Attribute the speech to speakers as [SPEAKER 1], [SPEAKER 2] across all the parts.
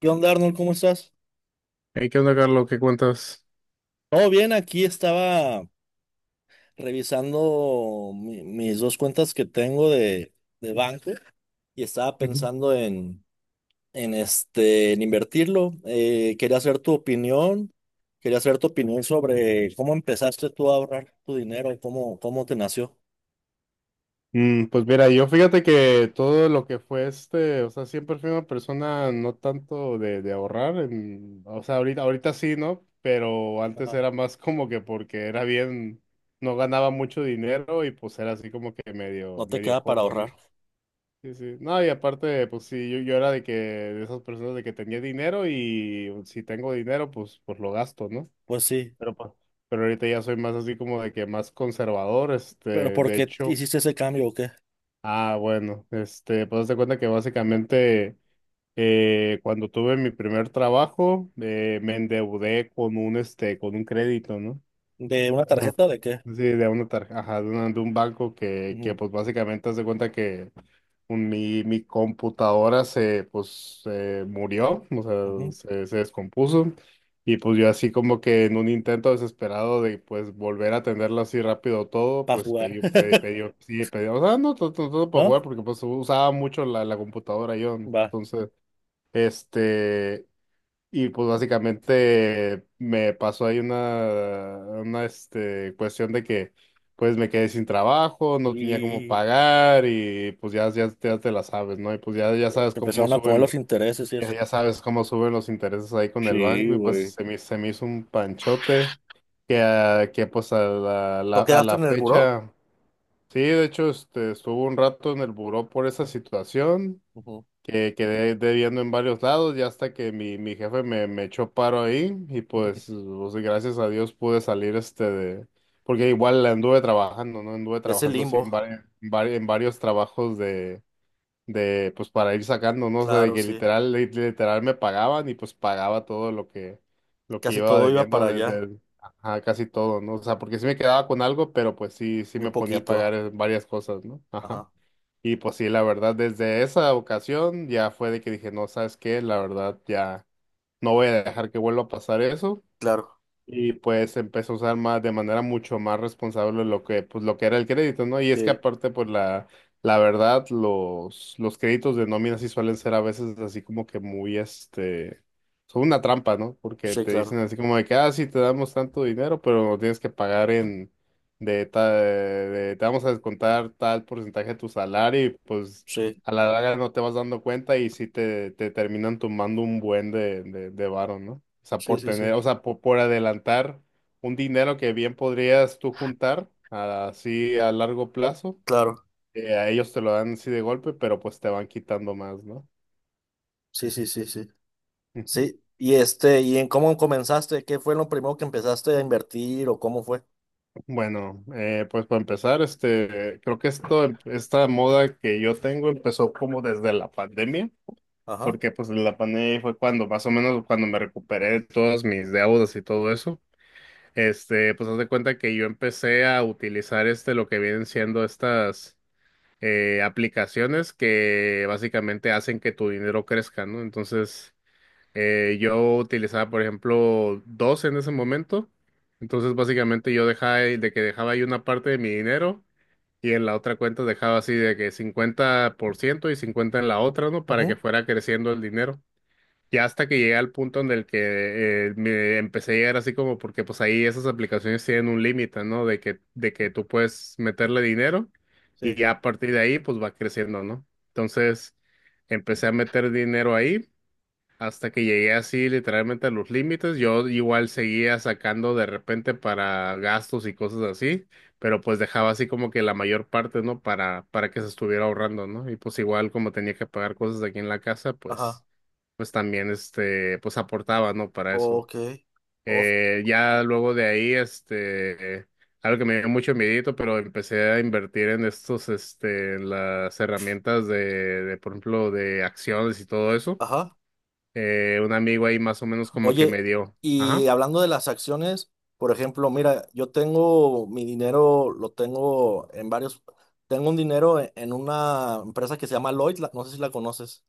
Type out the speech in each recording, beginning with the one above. [SPEAKER 1] ¿Qué onda, Arnold? ¿Cómo estás?
[SPEAKER 2] Hey, ¿qué onda, Carlos? ¿Qué cuentas?
[SPEAKER 1] Todo bien, aquí estaba revisando mis dos cuentas que tengo de banco y estaba
[SPEAKER 2] Ujú.
[SPEAKER 1] pensando en invertirlo. Quería hacer tu opinión sobre cómo empezaste tú a ahorrar tu dinero, cómo te nació.
[SPEAKER 2] Pues mira, yo fíjate que todo lo que fue o sea, siempre fui una persona no tanto de ahorrar, o sea, ahorita, ahorita sí, ¿no? Pero antes
[SPEAKER 1] Ajá.
[SPEAKER 2] era más como que porque era bien, no ganaba mucho dinero y pues era así como que
[SPEAKER 1] ¿No
[SPEAKER 2] medio,
[SPEAKER 1] te
[SPEAKER 2] medio
[SPEAKER 1] queda para
[SPEAKER 2] codo, ¿no?
[SPEAKER 1] ahorrar?
[SPEAKER 2] Sí, sí. No, y aparte, pues sí, yo era de que, de esas personas de que tenía dinero y si tengo dinero, pues lo gasto, ¿no?
[SPEAKER 1] Pues sí,
[SPEAKER 2] Pero, pues, ahorita ya soy más así como de que más conservador,
[SPEAKER 1] pero ¿por
[SPEAKER 2] de
[SPEAKER 1] qué
[SPEAKER 2] hecho,
[SPEAKER 1] hiciste ese cambio o qué?
[SPEAKER 2] ah, bueno, pues haz de cuenta que básicamente cuando tuve mi primer trabajo, me endeudé con un crédito, ¿no?
[SPEAKER 1] ¿De una
[SPEAKER 2] No,
[SPEAKER 1] tarjeta o de qué?
[SPEAKER 2] sí, de una tarjeta, ajá, de un banco que pues básicamente hace cuenta que mi computadora se murió, o sea, se descompuso, y pues yo así como que en un intento desesperado de, pues, volver a atenderlo así rápido todo,
[SPEAKER 1] Para
[SPEAKER 2] pues
[SPEAKER 1] jugar,
[SPEAKER 2] pedí, un- pedí, pedí, un- sí, pedí, o sea, no todo, para
[SPEAKER 1] ¿no?
[SPEAKER 2] jugar, porque pues usaba mucho la computadora yo,
[SPEAKER 1] Va.
[SPEAKER 2] entonces, este, y pues básicamente me pasó ahí una, cuestión de que pues me quedé sin trabajo, no tenía cómo
[SPEAKER 1] Y
[SPEAKER 2] pagar y pues ya, ya, ya te la sabes, ¿no? Y pues
[SPEAKER 1] que empezaron a comer los intereses y eso.
[SPEAKER 2] ya, ya sabes cómo suben los intereses ahí con el
[SPEAKER 1] Sí,
[SPEAKER 2] banco y pues
[SPEAKER 1] güey.
[SPEAKER 2] se me hizo un panchote que, ah, que pues a la,
[SPEAKER 1] ¿No
[SPEAKER 2] la- a
[SPEAKER 1] quedaste
[SPEAKER 2] la
[SPEAKER 1] en el buró?
[SPEAKER 2] fecha, sí, de hecho estuve un rato en el buró por esa situación
[SPEAKER 1] Ujú.
[SPEAKER 2] que quedé debiendo en varios lados, ya hasta que mi jefe me echó paro ahí y pues, pues, gracias a Dios pude salir de, porque igual anduve trabajando, ¿no? Anduve
[SPEAKER 1] De ese
[SPEAKER 2] trabajando así en,
[SPEAKER 1] limbo.
[SPEAKER 2] en varios trabajos de, pues para ir sacando, ¿no? O sea, de
[SPEAKER 1] Claro,
[SPEAKER 2] que
[SPEAKER 1] sí.
[SPEAKER 2] literal me pagaban y pues pagaba todo lo que
[SPEAKER 1] Casi
[SPEAKER 2] iba
[SPEAKER 1] todo iba
[SPEAKER 2] debiendo
[SPEAKER 1] para allá.
[SPEAKER 2] desde, ajá, casi todo, ¿no? O sea, porque sí me quedaba con algo, pero pues sí, sí
[SPEAKER 1] Muy
[SPEAKER 2] me ponía a pagar
[SPEAKER 1] poquito.
[SPEAKER 2] varias cosas, ¿no? Ajá.
[SPEAKER 1] Ajá.
[SPEAKER 2] Y pues sí, la verdad, desde esa ocasión ya fue de que dije, no, ¿sabes qué? La verdad, ya no voy a dejar que vuelva a pasar eso.
[SPEAKER 1] Claro.
[SPEAKER 2] Y pues empecé a usar más, de manera mucho más responsable lo que, pues, lo que era el crédito, ¿no? Y es que
[SPEAKER 1] Sí.
[SPEAKER 2] aparte, pues la verdad, los créditos de nómina sí suelen ser a veces así como que muy, son una trampa, ¿no? Porque
[SPEAKER 1] Sí,
[SPEAKER 2] te
[SPEAKER 1] claro.
[SPEAKER 2] dicen así como de que, ah, sí, te damos tanto dinero, pero lo tienes que pagar en te vamos a descontar tal porcentaje de tu salario y pues
[SPEAKER 1] Sí.
[SPEAKER 2] a la larga no te vas dando cuenta y sí te terminan tomando un buen de varo, ¿no? O sea,
[SPEAKER 1] Sí,
[SPEAKER 2] por
[SPEAKER 1] sí,
[SPEAKER 2] tener,
[SPEAKER 1] sí.
[SPEAKER 2] o sea, por adelantar un dinero que bien podrías tú juntar así a largo plazo,
[SPEAKER 1] Claro.
[SPEAKER 2] a ellos te lo dan así de golpe, pero pues te van quitando más, ¿no?
[SPEAKER 1] Sí, sí, sí, sí.
[SPEAKER 2] Ujú.
[SPEAKER 1] Sí. ¿Y en cómo comenzaste? ¿Qué fue lo primero que empezaste a invertir o cómo fue?
[SPEAKER 2] Bueno, pues para empezar, creo que esto, esta moda que yo tengo empezó como desde la pandemia,
[SPEAKER 1] Ajá.
[SPEAKER 2] porque pues la pandemia fue cuando más o menos cuando me recuperé de todas mis deudas y todo eso. Pues haz de cuenta que yo empecé a utilizar lo que vienen siendo estas aplicaciones que básicamente hacen que tu dinero crezca, ¿no? Entonces, yo utilizaba, por ejemplo, dos en ese momento. Entonces, básicamente yo dejaba, de que dejaba ahí una parte de mi dinero y en la otra cuenta dejaba así de que 50% y 50 en la otra, ¿no? Para que
[SPEAKER 1] Ujú.
[SPEAKER 2] fuera creciendo el dinero. Ya hasta que llegué al punto en el que me empecé a llegar así como porque pues ahí esas aplicaciones tienen un límite, ¿no? De que, tú puedes meterle dinero y
[SPEAKER 1] Sí.
[SPEAKER 2] ya a partir de ahí pues va creciendo, ¿no? Entonces empecé a meter dinero ahí hasta que llegué así literalmente a los límites, yo igual seguía sacando de repente para gastos y cosas así, pero pues dejaba así como que la mayor parte, ¿no? Para, que se estuviera ahorrando, ¿no? Y pues igual como tenía que pagar cosas aquí en la casa,
[SPEAKER 1] Ajá.
[SPEAKER 2] pues, pues también pues aportaba, ¿no? Para eso.
[SPEAKER 1] Ok. Of-
[SPEAKER 2] Ya luego de ahí, algo que me dio mucho miedito, pero empecé a invertir en estos, en las herramientas de, por ejemplo, de acciones y todo eso.
[SPEAKER 1] Ajá.
[SPEAKER 2] Un amigo ahí más o menos como que me
[SPEAKER 1] Oye,
[SPEAKER 2] dio.
[SPEAKER 1] y
[SPEAKER 2] Ajá.
[SPEAKER 1] hablando de las acciones, por ejemplo, mira, yo tengo mi dinero, lo tengo en varios, tengo un dinero en una empresa que se llama Lloyd, no sé si la conoces.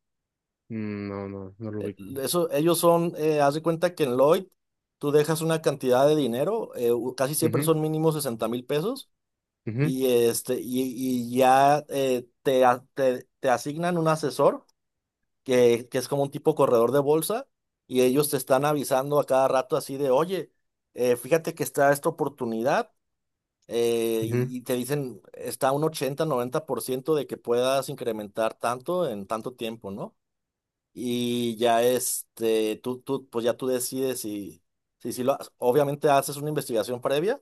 [SPEAKER 2] Mm, no, no, no lo
[SPEAKER 1] Eh,
[SPEAKER 2] ubico.
[SPEAKER 1] Eso, ellos son, haz de cuenta que en Lloyd tú dejas una cantidad de dinero, casi siempre
[SPEAKER 2] Ujú,
[SPEAKER 1] son mínimo 60,000 pesos,
[SPEAKER 2] ujú,
[SPEAKER 1] y ya te asignan un asesor que es como un tipo corredor de bolsa, y ellos te están avisando a cada rato así de, oye, fíjate que está esta oportunidad, eh,
[SPEAKER 2] ujú,
[SPEAKER 1] y y te dicen, está un 80-90% de que puedas incrementar tanto en tanto tiempo, ¿no? Y ya tú, pues ya tú decides si, si lo, obviamente haces una investigación previa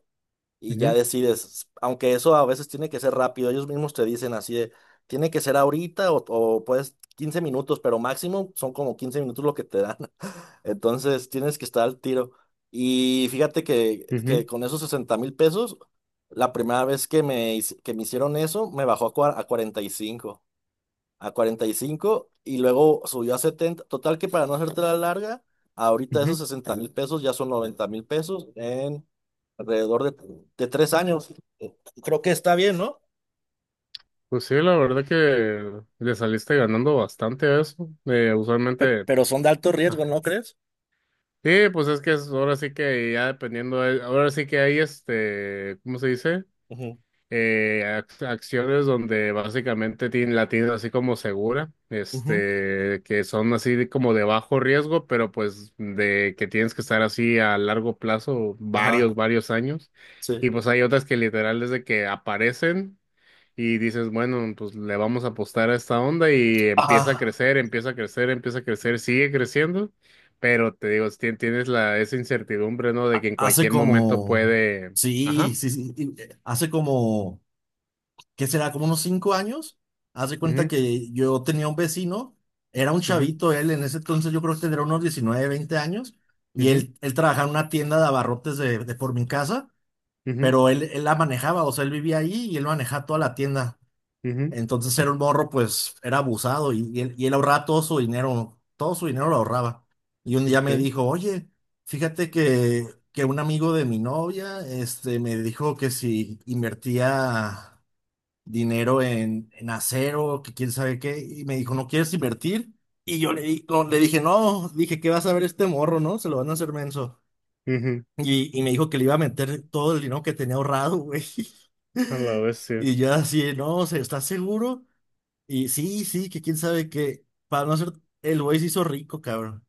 [SPEAKER 1] y ya
[SPEAKER 2] ujú,
[SPEAKER 1] decides, aunque eso a veces tiene que ser rápido, ellos mismos te dicen así de, tiene que ser ahorita o puedes 15 minutos, pero máximo son como 15 minutos lo que te dan, entonces tienes que estar al tiro. Y fíjate que,
[SPEAKER 2] ujú,
[SPEAKER 1] que con esos 60,000 pesos, la primera vez que me hicieron eso, me bajó a, cua- a 45 a cuarenta y cinco y luego subió a 70 total que para no hacerte la larga, ahorita esos
[SPEAKER 2] ujú.
[SPEAKER 1] 60 mil pesos ya son 90,000 pesos alrededor de 3 años. Eh, Creo que está bien, ¿no?
[SPEAKER 2] Pues sí, la verdad que le saliste ganando bastante a eso. Usualmente.
[SPEAKER 1] Pero son de alto
[SPEAKER 2] Ah,
[SPEAKER 1] riesgo, ¿no crees?
[SPEAKER 2] sí, pues es que ahora sí que ya dependiendo. Ahora sí que hay este. ¿Cómo se dice?
[SPEAKER 1] Ujú.
[SPEAKER 2] Acciones donde básicamente tienen, la tienen así como segura,
[SPEAKER 1] Ujú,
[SPEAKER 2] que son así como de bajo riesgo, pero pues de que tienes que estar así a largo plazo, varios,
[SPEAKER 1] Ajá,
[SPEAKER 2] varios años.
[SPEAKER 1] sí.
[SPEAKER 2] Y pues hay otras que literal desde que aparecen y dices, bueno, pues le vamos a apostar a esta onda y empieza a
[SPEAKER 1] Ajá,
[SPEAKER 2] crecer, empieza a crecer, empieza a crecer, sigue creciendo. Pero te digo, si tienes la, esa incertidumbre, ¿no? De que en
[SPEAKER 1] hace
[SPEAKER 2] cualquier momento
[SPEAKER 1] como,
[SPEAKER 2] puede...
[SPEAKER 1] sí,
[SPEAKER 2] Ajá.
[SPEAKER 1] sí, sí, y, hace como, ¿qué será? Como unos 5 años. Hace cuenta
[SPEAKER 2] Ujú,
[SPEAKER 1] que yo tenía un vecino, era un
[SPEAKER 2] ujú,
[SPEAKER 1] chavito él, en ese entonces yo creo que tendría unos 19 20 años, y
[SPEAKER 2] ujú.
[SPEAKER 1] él trabajaba en una tienda de abarrotes de por mi casa,
[SPEAKER 2] Ujú,
[SPEAKER 1] pero él la manejaba, o sea, él vivía ahí y él manejaba toda la tienda.
[SPEAKER 2] ujú,
[SPEAKER 1] Entonces era un morro, pues era abusado y, y él ahorraba todo su dinero lo ahorraba. Y un día
[SPEAKER 2] ok,
[SPEAKER 1] me dijo, oye, fíjate que un amigo de mi novia, este, me dijo que si invertía dinero en acero, que quién sabe qué, y me dijo, ¿no quieres invertir? Y yo le, no, le dije, no, dije, ¿qué vas a ver este morro, no? Se lo van a hacer menso.
[SPEAKER 2] ujú,
[SPEAKER 1] Y me dijo que le iba a meter todo el dinero que tenía ahorrado, güey.
[SPEAKER 2] a la bestia,
[SPEAKER 1] Y yo así, no, o sea, ¿estás seguro? Y sí, sí, que quién sabe que, para no ser, el güey se hizo rico, cabrón.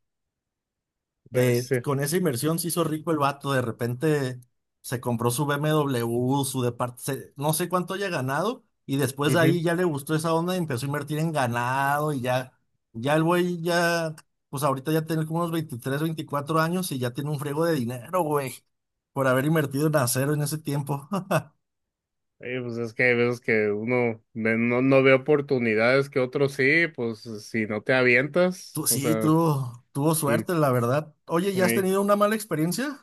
[SPEAKER 1] De,
[SPEAKER 2] bestia,
[SPEAKER 1] con esa inversión se hizo rico el vato, de repente se compró su BMW, su departamento, no sé cuánto haya ganado, y después de
[SPEAKER 2] ujú.
[SPEAKER 1] ahí ya le gustó esa onda y empezó a invertir en ganado y ya, ya el güey ya, pues ahorita ya tiene como unos 23 24 años y ya tiene un friego de dinero, güey, por haber invertido en acero en ese tiempo.
[SPEAKER 2] Pues es que hay veces que uno no, no ve oportunidades que otros sí, pues si no te avientas,
[SPEAKER 1] Tú,
[SPEAKER 2] o
[SPEAKER 1] sí,
[SPEAKER 2] sea,
[SPEAKER 1] tuvo
[SPEAKER 2] y,
[SPEAKER 1] suerte, la verdad. Oye, ¿ya has
[SPEAKER 2] ey.
[SPEAKER 1] tenido una mala experiencia?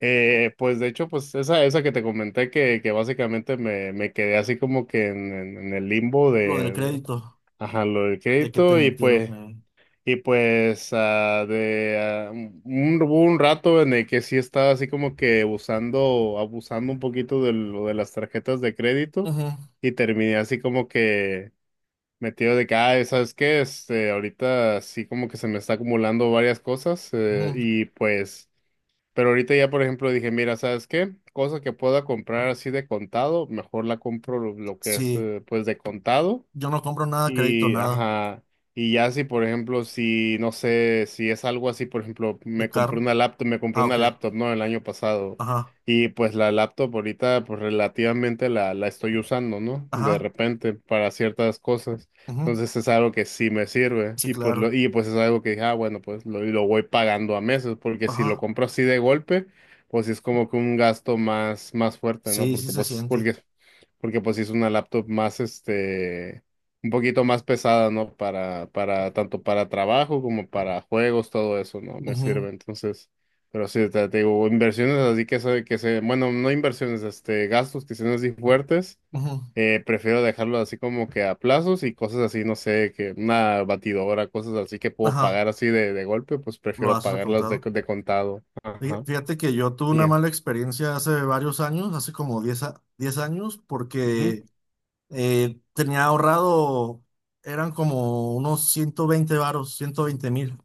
[SPEAKER 2] Pues de hecho, pues esa que te comenté que básicamente me quedé así como que en, en el limbo
[SPEAKER 1] Lo del
[SPEAKER 2] de,
[SPEAKER 1] crédito,
[SPEAKER 2] ajá, lo del
[SPEAKER 1] de que te
[SPEAKER 2] crédito y
[SPEAKER 1] metieron.
[SPEAKER 2] pues... Y pues hubo un rato en el que sí estaba así como que abusando, abusando un poquito de lo de las tarjetas de crédito
[SPEAKER 1] Ujú,
[SPEAKER 2] y terminé así como que metido de que, "Ay, ¿sabes qué? Ahorita sí como que se me está acumulando varias cosas
[SPEAKER 1] ujú.
[SPEAKER 2] y pues, pero ahorita ya por ejemplo dije, mira, ¿sabes qué? Cosa que pueda comprar así de contado, mejor la compro lo que es
[SPEAKER 1] Sí,
[SPEAKER 2] pues de contado.
[SPEAKER 1] yo no compro nada, crédito,
[SPEAKER 2] Y,
[SPEAKER 1] nada.
[SPEAKER 2] ajá, y ya si, por ejemplo, si, no sé, si es algo así, por ejemplo,
[SPEAKER 1] El
[SPEAKER 2] me compré
[SPEAKER 1] carro.
[SPEAKER 2] una laptop, me compré
[SPEAKER 1] Ah,
[SPEAKER 2] una
[SPEAKER 1] ok.
[SPEAKER 2] laptop, ¿no? El año pasado.
[SPEAKER 1] Ajá,
[SPEAKER 2] Y pues la laptop ahorita, pues relativamente la estoy usando, ¿no? De
[SPEAKER 1] ajá.
[SPEAKER 2] repente, para ciertas cosas.
[SPEAKER 1] Ujú.
[SPEAKER 2] Entonces es algo que sí me sirve.
[SPEAKER 1] Sí,
[SPEAKER 2] Y pues, lo,
[SPEAKER 1] claro.
[SPEAKER 2] y pues es algo que dije, ah, bueno, pues lo voy pagando a meses, porque si lo
[SPEAKER 1] Ajá.
[SPEAKER 2] compro así de golpe, pues sí es como que un gasto más, más fuerte, ¿no?
[SPEAKER 1] Sí, sí
[SPEAKER 2] Porque
[SPEAKER 1] se
[SPEAKER 2] pues,
[SPEAKER 1] siente.
[SPEAKER 2] porque porque pues sí es una laptop más un poquito más pesada, ¿no? Para, tanto para trabajo como para juegos, todo eso, ¿no? Me
[SPEAKER 1] Ujú,
[SPEAKER 2] sirve. Entonces, pero sí, te digo, inversiones así que se, bueno, no inversiones, gastos que sean así fuertes,
[SPEAKER 1] ujú.
[SPEAKER 2] prefiero dejarlo así como que a plazos y cosas así, no sé, que una batidora, cosas así que puedo
[SPEAKER 1] Ajá.
[SPEAKER 2] pagar así de golpe, pues
[SPEAKER 1] Lo
[SPEAKER 2] prefiero
[SPEAKER 1] has
[SPEAKER 2] pagarlas de,
[SPEAKER 1] comprado.
[SPEAKER 2] de contado. Ajá.
[SPEAKER 1] Fíjate que yo tuve una
[SPEAKER 2] Ya.
[SPEAKER 1] mala experiencia hace varios años, hace como 10 años,
[SPEAKER 2] Ujú,
[SPEAKER 1] porque tenía ahorrado, eran como unos 120 varos, 120,000.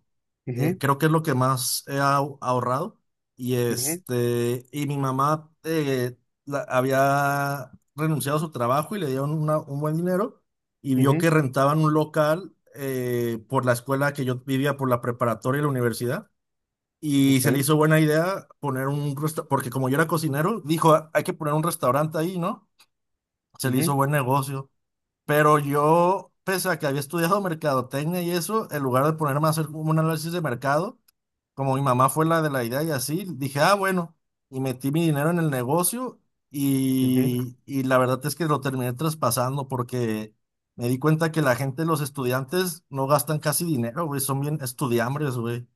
[SPEAKER 1] eh,
[SPEAKER 2] ujú,
[SPEAKER 1] creo que es lo que más he ahorrado. Y
[SPEAKER 2] ujú,
[SPEAKER 1] este, y mi mamá había renunciado a su trabajo y le dieron un buen dinero y vio
[SPEAKER 2] ujú,
[SPEAKER 1] que rentaban un local por la escuela que yo vivía, por la preparatoria y la universidad. Y se le
[SPEAKER 2] ok,
[SPEAKER 1] hizo buena idea poner un restaurante, porque como yo era cocinero, dijo, "Ah, hay que poner un restaurante ahí, ¿no? Se le hizo
[SPEAKER 2] ujú,
[SPEAKER 1] buen negocio. Pero yo, pese a que había estudiado mercadotecnia y eso, en lugar de ponerme a hacer como un análisis de mercado, como mi mamá fue la de la idea y así, dije, ah, bueno, y metí mi dinero en el negocio
[SPEAKER 2] ujú.
[SPEAKER 1] y la verdad es que lo terminé traspasando porque me di cuenta que la gente, los estudiantes, no gastan casi dinero, güey, son bien estudiambres, güey.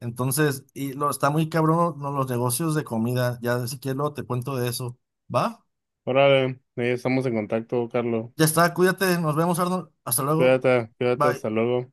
[SPEAKER 1] Entonces, está muy cabrón ¿no? Los negocios de comida, ya si quieres luego te cuento de eso, ¿va?
[SPEAKER 2] Órale, ahí estamos en contacto, Carlos.
[SPEAKER 1] Ya está, cuídate, nos vemos, Arnold, hasta luego,
[SPEAKER 2] Cuídate, cuídate,
[SPEAKER 1] bye.
[SPEAKER 2] hasta luego.